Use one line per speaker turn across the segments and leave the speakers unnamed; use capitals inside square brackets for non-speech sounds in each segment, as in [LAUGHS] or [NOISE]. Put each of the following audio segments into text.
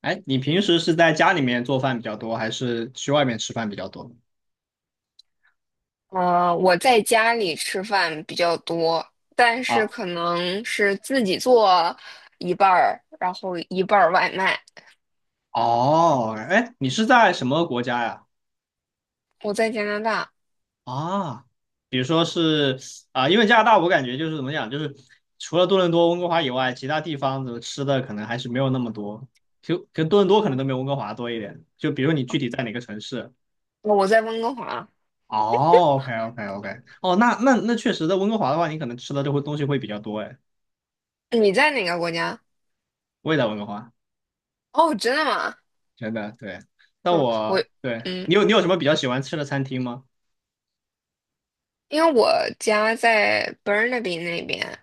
哎，你平时是在家里面做饭比较多，还是去外面吃饭比较多？
嗯，我在家里吃饭比较多，但是
啊，
可能是自己做一半儿，然后一半儿外卖。
哦，哎，你是在什么国家呀？
我在加拿大，
啊，比如说是。啊，因为加拿大，我感觉就是怎么讲，就是除了多伦多、温哥华以外，其他地方的吃的可能还是没有那么多，就跟多伦多可
嗯，
能都没有温哥华多一点。就比如你具体在哪个城市？
我在温哥华。
哦，OK OK OK，哦，那确实，在温哥华的话，你可能吃的这会东西会比较多，哎，
你在哪个国家？
我也在温哥华。
哦，真的吗？
真的对。但
嗯，我
我对
嗯，
你有什么比较喜欢吃的餐厅吗？
因为我家在 Burnaby 那边，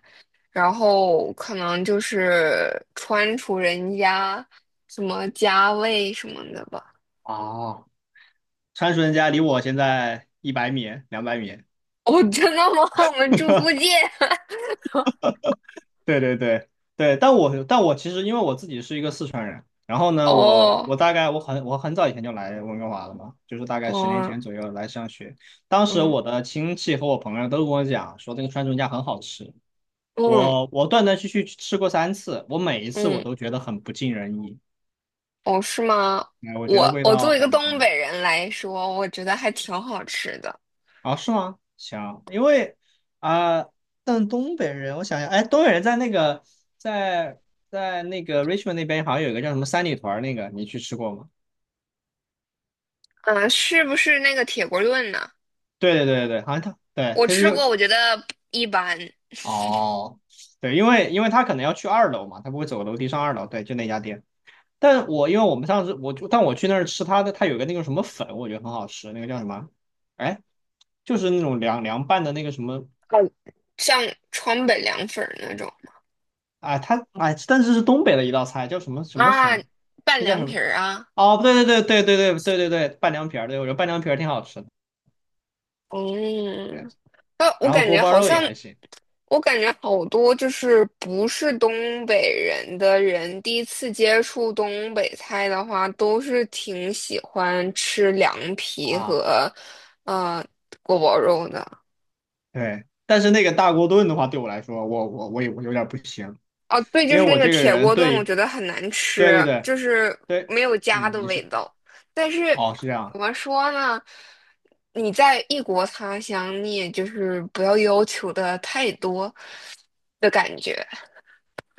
然后可能就是川楚人家什么家味什么的吧。
哦，川蜀人家离我现在100米、200米。
哦，真的吗？[LAUGHS] 我们住附近。
对对对对，但我其实因为我自己是一个四川人，然后
[LAUGHS]
呢，我
哦，
我大概我很早以前就来温哥华了嘛，就是大概10年
哦，
前左右来上学。当时
嗯。
我的亲戚和我朋友都跟我讲说这个川蜀人家很好吃，
嗯
我断断续续吃过3次，我每一次我
嗯，
都觉得很不尽人意，
哦，是吗？
哎，我觉
我
得味
我作
道
为一个
很一
东
般。
北人来说，我觉得还挺好吃的。
啊，是吗？行，因为啊、但东北人，我想想，哎，东北人在在那个 Richmond 那边好像有一个叫什么三里屯儿那个，你去吃过吗？
嗯，是不是那个铁锅炖呢？
对对对对对，好像他对
我
他就
吃
是。
过，我觉得一般。
哦，对，因为他可能要去二楼嘛，他不会走个楼梯上二楼，对，就那家店。但我因为我们上次我就但我去那儿吃他的，他有个那个什么粉，我觉得很好吃，那个叫什么？哎，就是那种凉拌的那个什么。
哦，像川北凉粉儿那种
啊，他哎，但是东北的一道菜，叫什么什么粉？
啊，拌
那叫
凉
什
皮
么？
儿啊。
哦，对对对对对对对对对，拌凉皮儿，对，我觉得拌凉皮儿挺好吃的，对，
嗯，那我
然后
感
锅
觉
包
好
肉也
像，
还行。
我感觉好多就是不是东北人的人，第一次接触东北菜的话，都是挺喜欢吃凉皮
啊，
和呃锅包肉的。
对，但是那个大锅炖的话，对我来说，我有点不行，
哦，对，就
因
是
为
那
我
个
这个
铁
人
锅炖，我
对
觉得很难
对
吃，
对对
就是
对。
没有家
嗯，
的
你
味
是。
道。但是
哦是这
怎
样。
么说呢？你在异国他乡，你也就是不要要求的太多的感觉。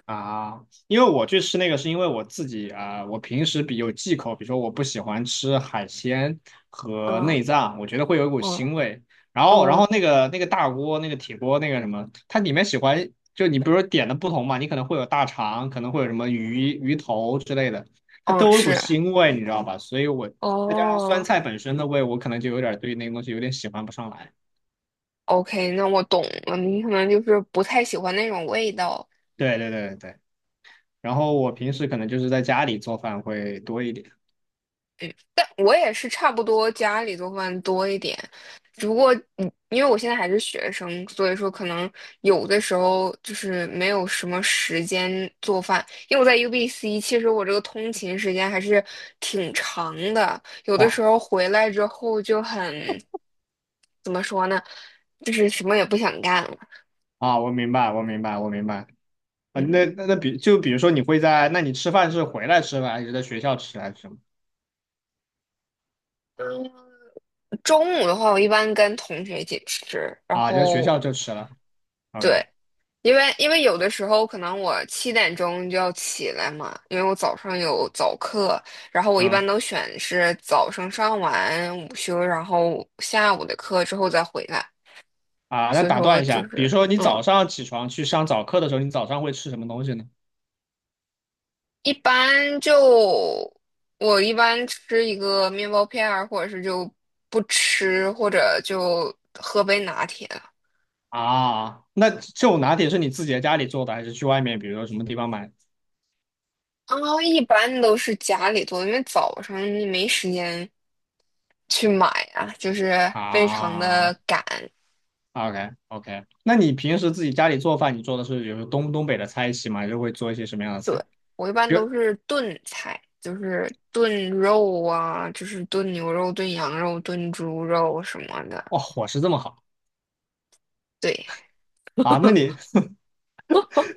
啊，因为我去吃那个是因为我自己啊，我平时比有忌口，比如说我不喜欢吃海鲜和
嗯
内脏，我觉得会有一股
嗯
腥味。然后
嗯
那个大锅、那个铁锅、那个什么，它里面喜欢就你比如说点的不同嘛，你可能会有大肠，可能会有什么鱼头之类的，它
嗯，
都有一股
是
腥味，你知道吧？所以我再加上酸
哦
菜本身的味，我可能就有点对那个东西有点喜欢不上来。
，OK,那我懂了。你可能就是不太喜欢那种味道，
对对对对对。然后我平时可能就是在家里做饭会多一点。
但我也是差不多家里做饭多一点。因为我现在还是学生，所以说可能有的时候就是没有什么时间做饭。因为我在 UBC,其实我这个通勤时间还是挺长的，有的时
哇，
候回来之后就很，怎么说呢，就是什么也不想干了。
啊，我明白，我明白，我明白。啊，
嗯，
那比如说你会在，那你吃饭是回来吃饭，还是在学校吃，还是什么？
中午的话，我一般跟同学一起吃，然
啊，就在学
后
校就吃了。OK，
对。因为有的时候可能我7点钟就要起来嘛，因为我早上有早课，然后我一
嗯，
般都选是早上上完午休，然后下午的课之后再回来，
啊，那
所以
打
说
断一
就
下，比如
是
说你
嗯，
早上起床去上早课的时候，你早上会吃什么东西呢？
一般就我一般吃一个面包片儿，或者是就不吃，或者就喝杯拿铁了。
啊，那这种拿铁是你自己在家里做的，还是去外面，比如说什么地方买？
啊，一般都是家里做，因为早上你没时间去买啊，就是非常的
啊
赶。
，OK OK，那你平时自己家里做饭，你做的是比如说东北的菜系吗？还是会做一些什么样的菜？
我一般
比如，
都是炖菜，就是炖肉啊，就是炖牛肉、炖羊肉、炖猪肉什么的。
哇，伙食这么好
对，
啊？那你 [LAUGHS]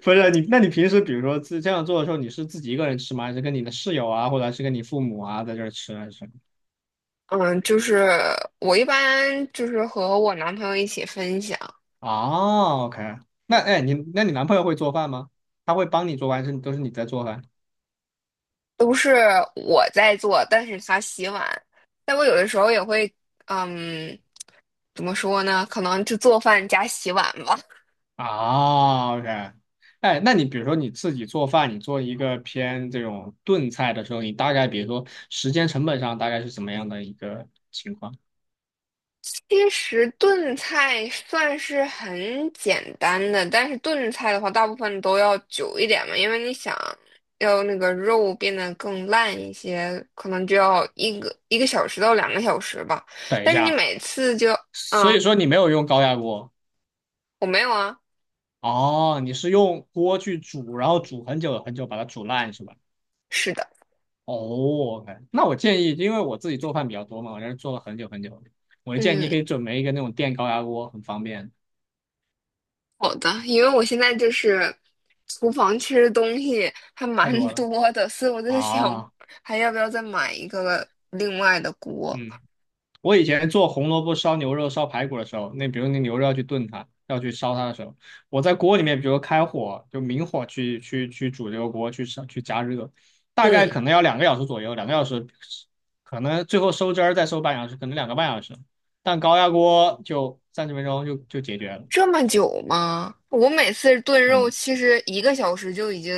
不是你，那你平时比如说这样做的时候，你是自己一个人吃吗？还是跟你的室友啊，或者是跟你父母啊在这儿吃啊？还是？
嗯，就是我一般就是和我男朋友一起分享，
哦，OK，那
嗯，
哎，那你男朋友会做饭吗？他会帮你做饭，还是都是你在做饭？
都是我在做，但是他洗碗。但我有的时候也会，嗯，怎么说呢？可能就做饭加洗碗吧。
啊，OK，哎，那你比如说你自己做饭，你做一个偏这种炖菜的时候，你大概比如说时间成本上大概是怎么样的一个情况？
其实炖菜算是很简单的，但是炖菜的话，大部分都要久一点嘛，因为你想要那个肉变得更烂一些，可能就要一个小时到2个小时吧。
等一
但是你
下，
每次就，
所以
啊，
说你没有用高压锅。
我没有啊，
哦，你是用锅去煮，然后煮很久很久把它煮烂是吧？
是的，
哦，OK，那我建议，因为我自己做饭比较多嘛，我在这做了很久很久，我就建议你
嗯，
可以准备一个那种电高压锅，很方便，
好的，因为我现在就是厨房其实东西还
太
蛮
多了。
多的，所以我在想
啊，
还要不要再买一个另外的锅，
嗯，我以前做红萝卜烧牛肉、烧排骨的时候，那比如那牛肉要去炖它，要去烧它的时候，我在锅里面，比如开火，就明火去煮这个锅，去烧去加热，大概
嗯。
可能要两个小时左右，两个小时，可能最后收汁儿再收半小时，可能2个半小时，但高压锅就30分钟就解决了。
这么久吗？我每次炖肉
嗯。
其实一个小时就已经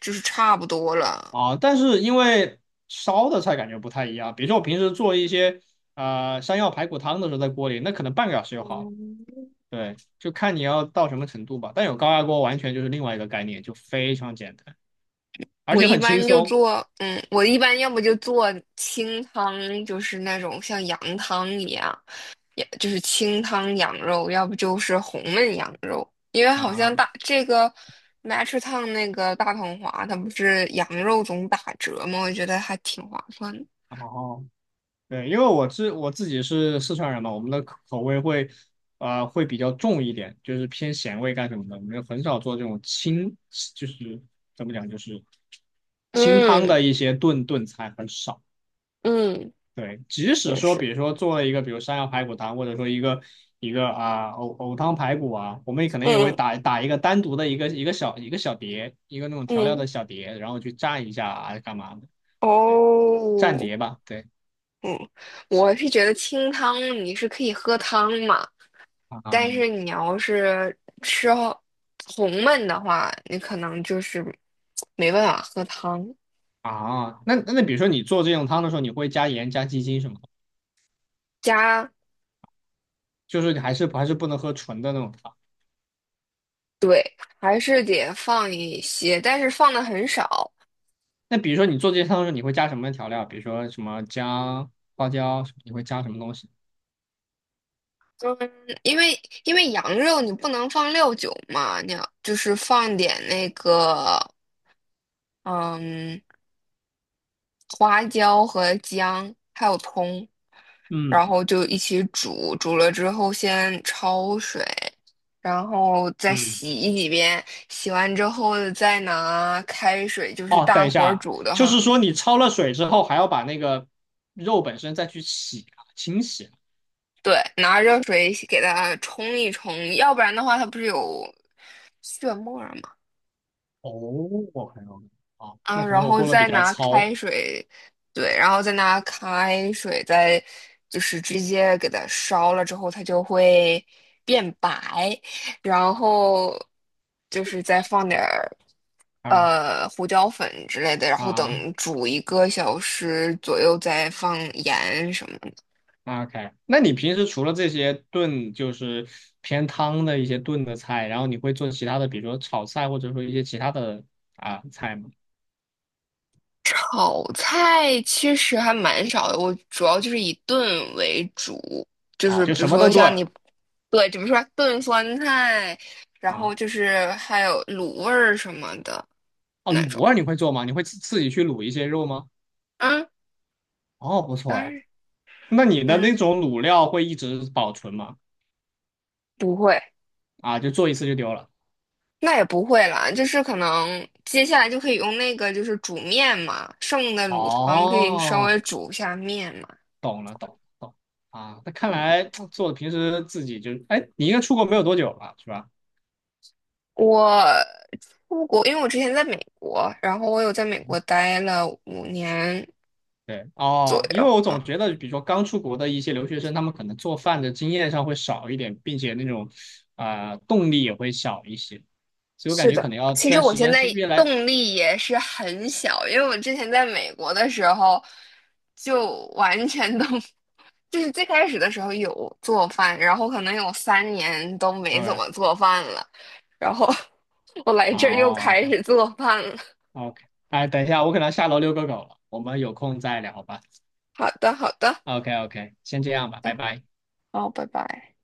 就是差不多了。
啊，但是因为烧的菜感觉不太一样，比如说我平时做一些山药排骨汤的时候，在锅里那可能半个小时就好了。
嗯
对，就看你要到什么程度吧。但有高压锅完全就是另外一个概念，就非常简单，而
我
且
一
很轻
般就
松。
做，我一般要不就做清汤，就是那种像羊汤一样，也就是清汤羊肉，要不就是红焖羊肉。因为好像
啊。
大这个 Matcha 烫那个大同华，它不是羊肉总打折吗？我觉得还挺划算的。
然后对，因为我自己是四川人嘛，我们的口味会比较重一点，就是偏咸味干什么的，我们很少做这种清，就是怎么讲，就是清汤
嗯
的一些炖菜很少。
嗯，
对，即使
也
说，比
是，
如说做了一个，比如山药排骨汤，或者说一个啊藕汤排骨啊，我们也可能也会
嗯
打一个单独的一个小碟，一个那种调料
嗯。
的小碟，然后去蘸一下啊干嘛的，对，蘸
哦，
碟吧，对
我是觉得清汤你是可以喝汤嘛，但
啊。
是你要是吃好红焖的话，你可能就是没办法喝汤。
啊，那比如说你做这种汤的时候，你会加盐加鸡精什么的？
加，
就是你还是不能喝纯的那种汤。
对，还是得放一些，但是放的很少。
那比如说你做这些汤的时候，你会加什么调料？比如说什么姜、花椒，你会加什么东西？
嗯，因为因为羊肉你不能放料酒嘛，你要就是放点那个，嗯。花椒和姜还有葱，
嗯
然后就一起煮，煮了之后先焯水，然后再
嗯。
洗几遍，洗完之后再拿开水，就是
哦，
大
等一下
火
啊，
煮的
就是
哈，
说你焯了水之后，还要把那个肉本身再去洗啊、清洗啊。
对，拿热水给它冲一冲，要不然的话它不是有血沫儿吗？
哦，我朋了。哦，
啊，
那可
然
能我
后
过得比
再
较
拿
糙。
开水，对，然后再拿开水，再就是直接给它烧了之后，它就会变白，然后就是再放点儿
啊
胡椒粉之类的，然后
啊
等煮一个小时左右再放盐什么的。
啊，OK。那你平时除了这些炖，就是偏汤的一些炖的菜，然后你会做其他的，比如说炒菜，或者说一些其他的菜吗？
炒菜其实还蛮少的，我主要就是以炖为主，就
啊，
是
就
比如
什么
说
都
像
炖
你，对，怎么说炖酸菜，然后
啊。
就是还有卤味儿什么的
哦，
那
卤
种。
味你会做吗？你会自己去卤一些肉吗？
嗯，
哦，不错
当
哎。
然，
那你的那
嗯，
种卤料会一直保存吗？
不会，
啊，就做一次就丢了。
那也不会啦，就是可能接下来就可以用那个就是煮面嘛，剩的卤汤可以稍
哦，
微煮一下面嘛。
懂了，懂了懂了啊。那看
嗯。
来 [TSK] 做的平时自己就，哎，你应该出国没有多久吧，是吧？
我出国，因为我之前在美国，然后我有在美国待了5年
对，
左
哦，因为
右
我
啊。
总觉得，比如说刚出国的一些留学生，他们可能做饭的经验上会少一点，并且那种动力也会小一些，所以我感
是
觉
的，
可能要
其实
在
我
时
现
间
在
是越来，
动力也是很小，因为我之前在美国的时候就完全都，[LAUGHS] 就是最开始的时候有做饭，然后可能有3年都没
当
怎
然，
么做饭了，然后 [LAUGHS] 我来这儿又
哦
开
，OK
始做饭了。
OK，哎，等一下，我可能要下楼遛个狗了，我们有空再聊吧。
好的，好的，好
OK OK，先这样吧，
的，
拜拜。
好，拜拜。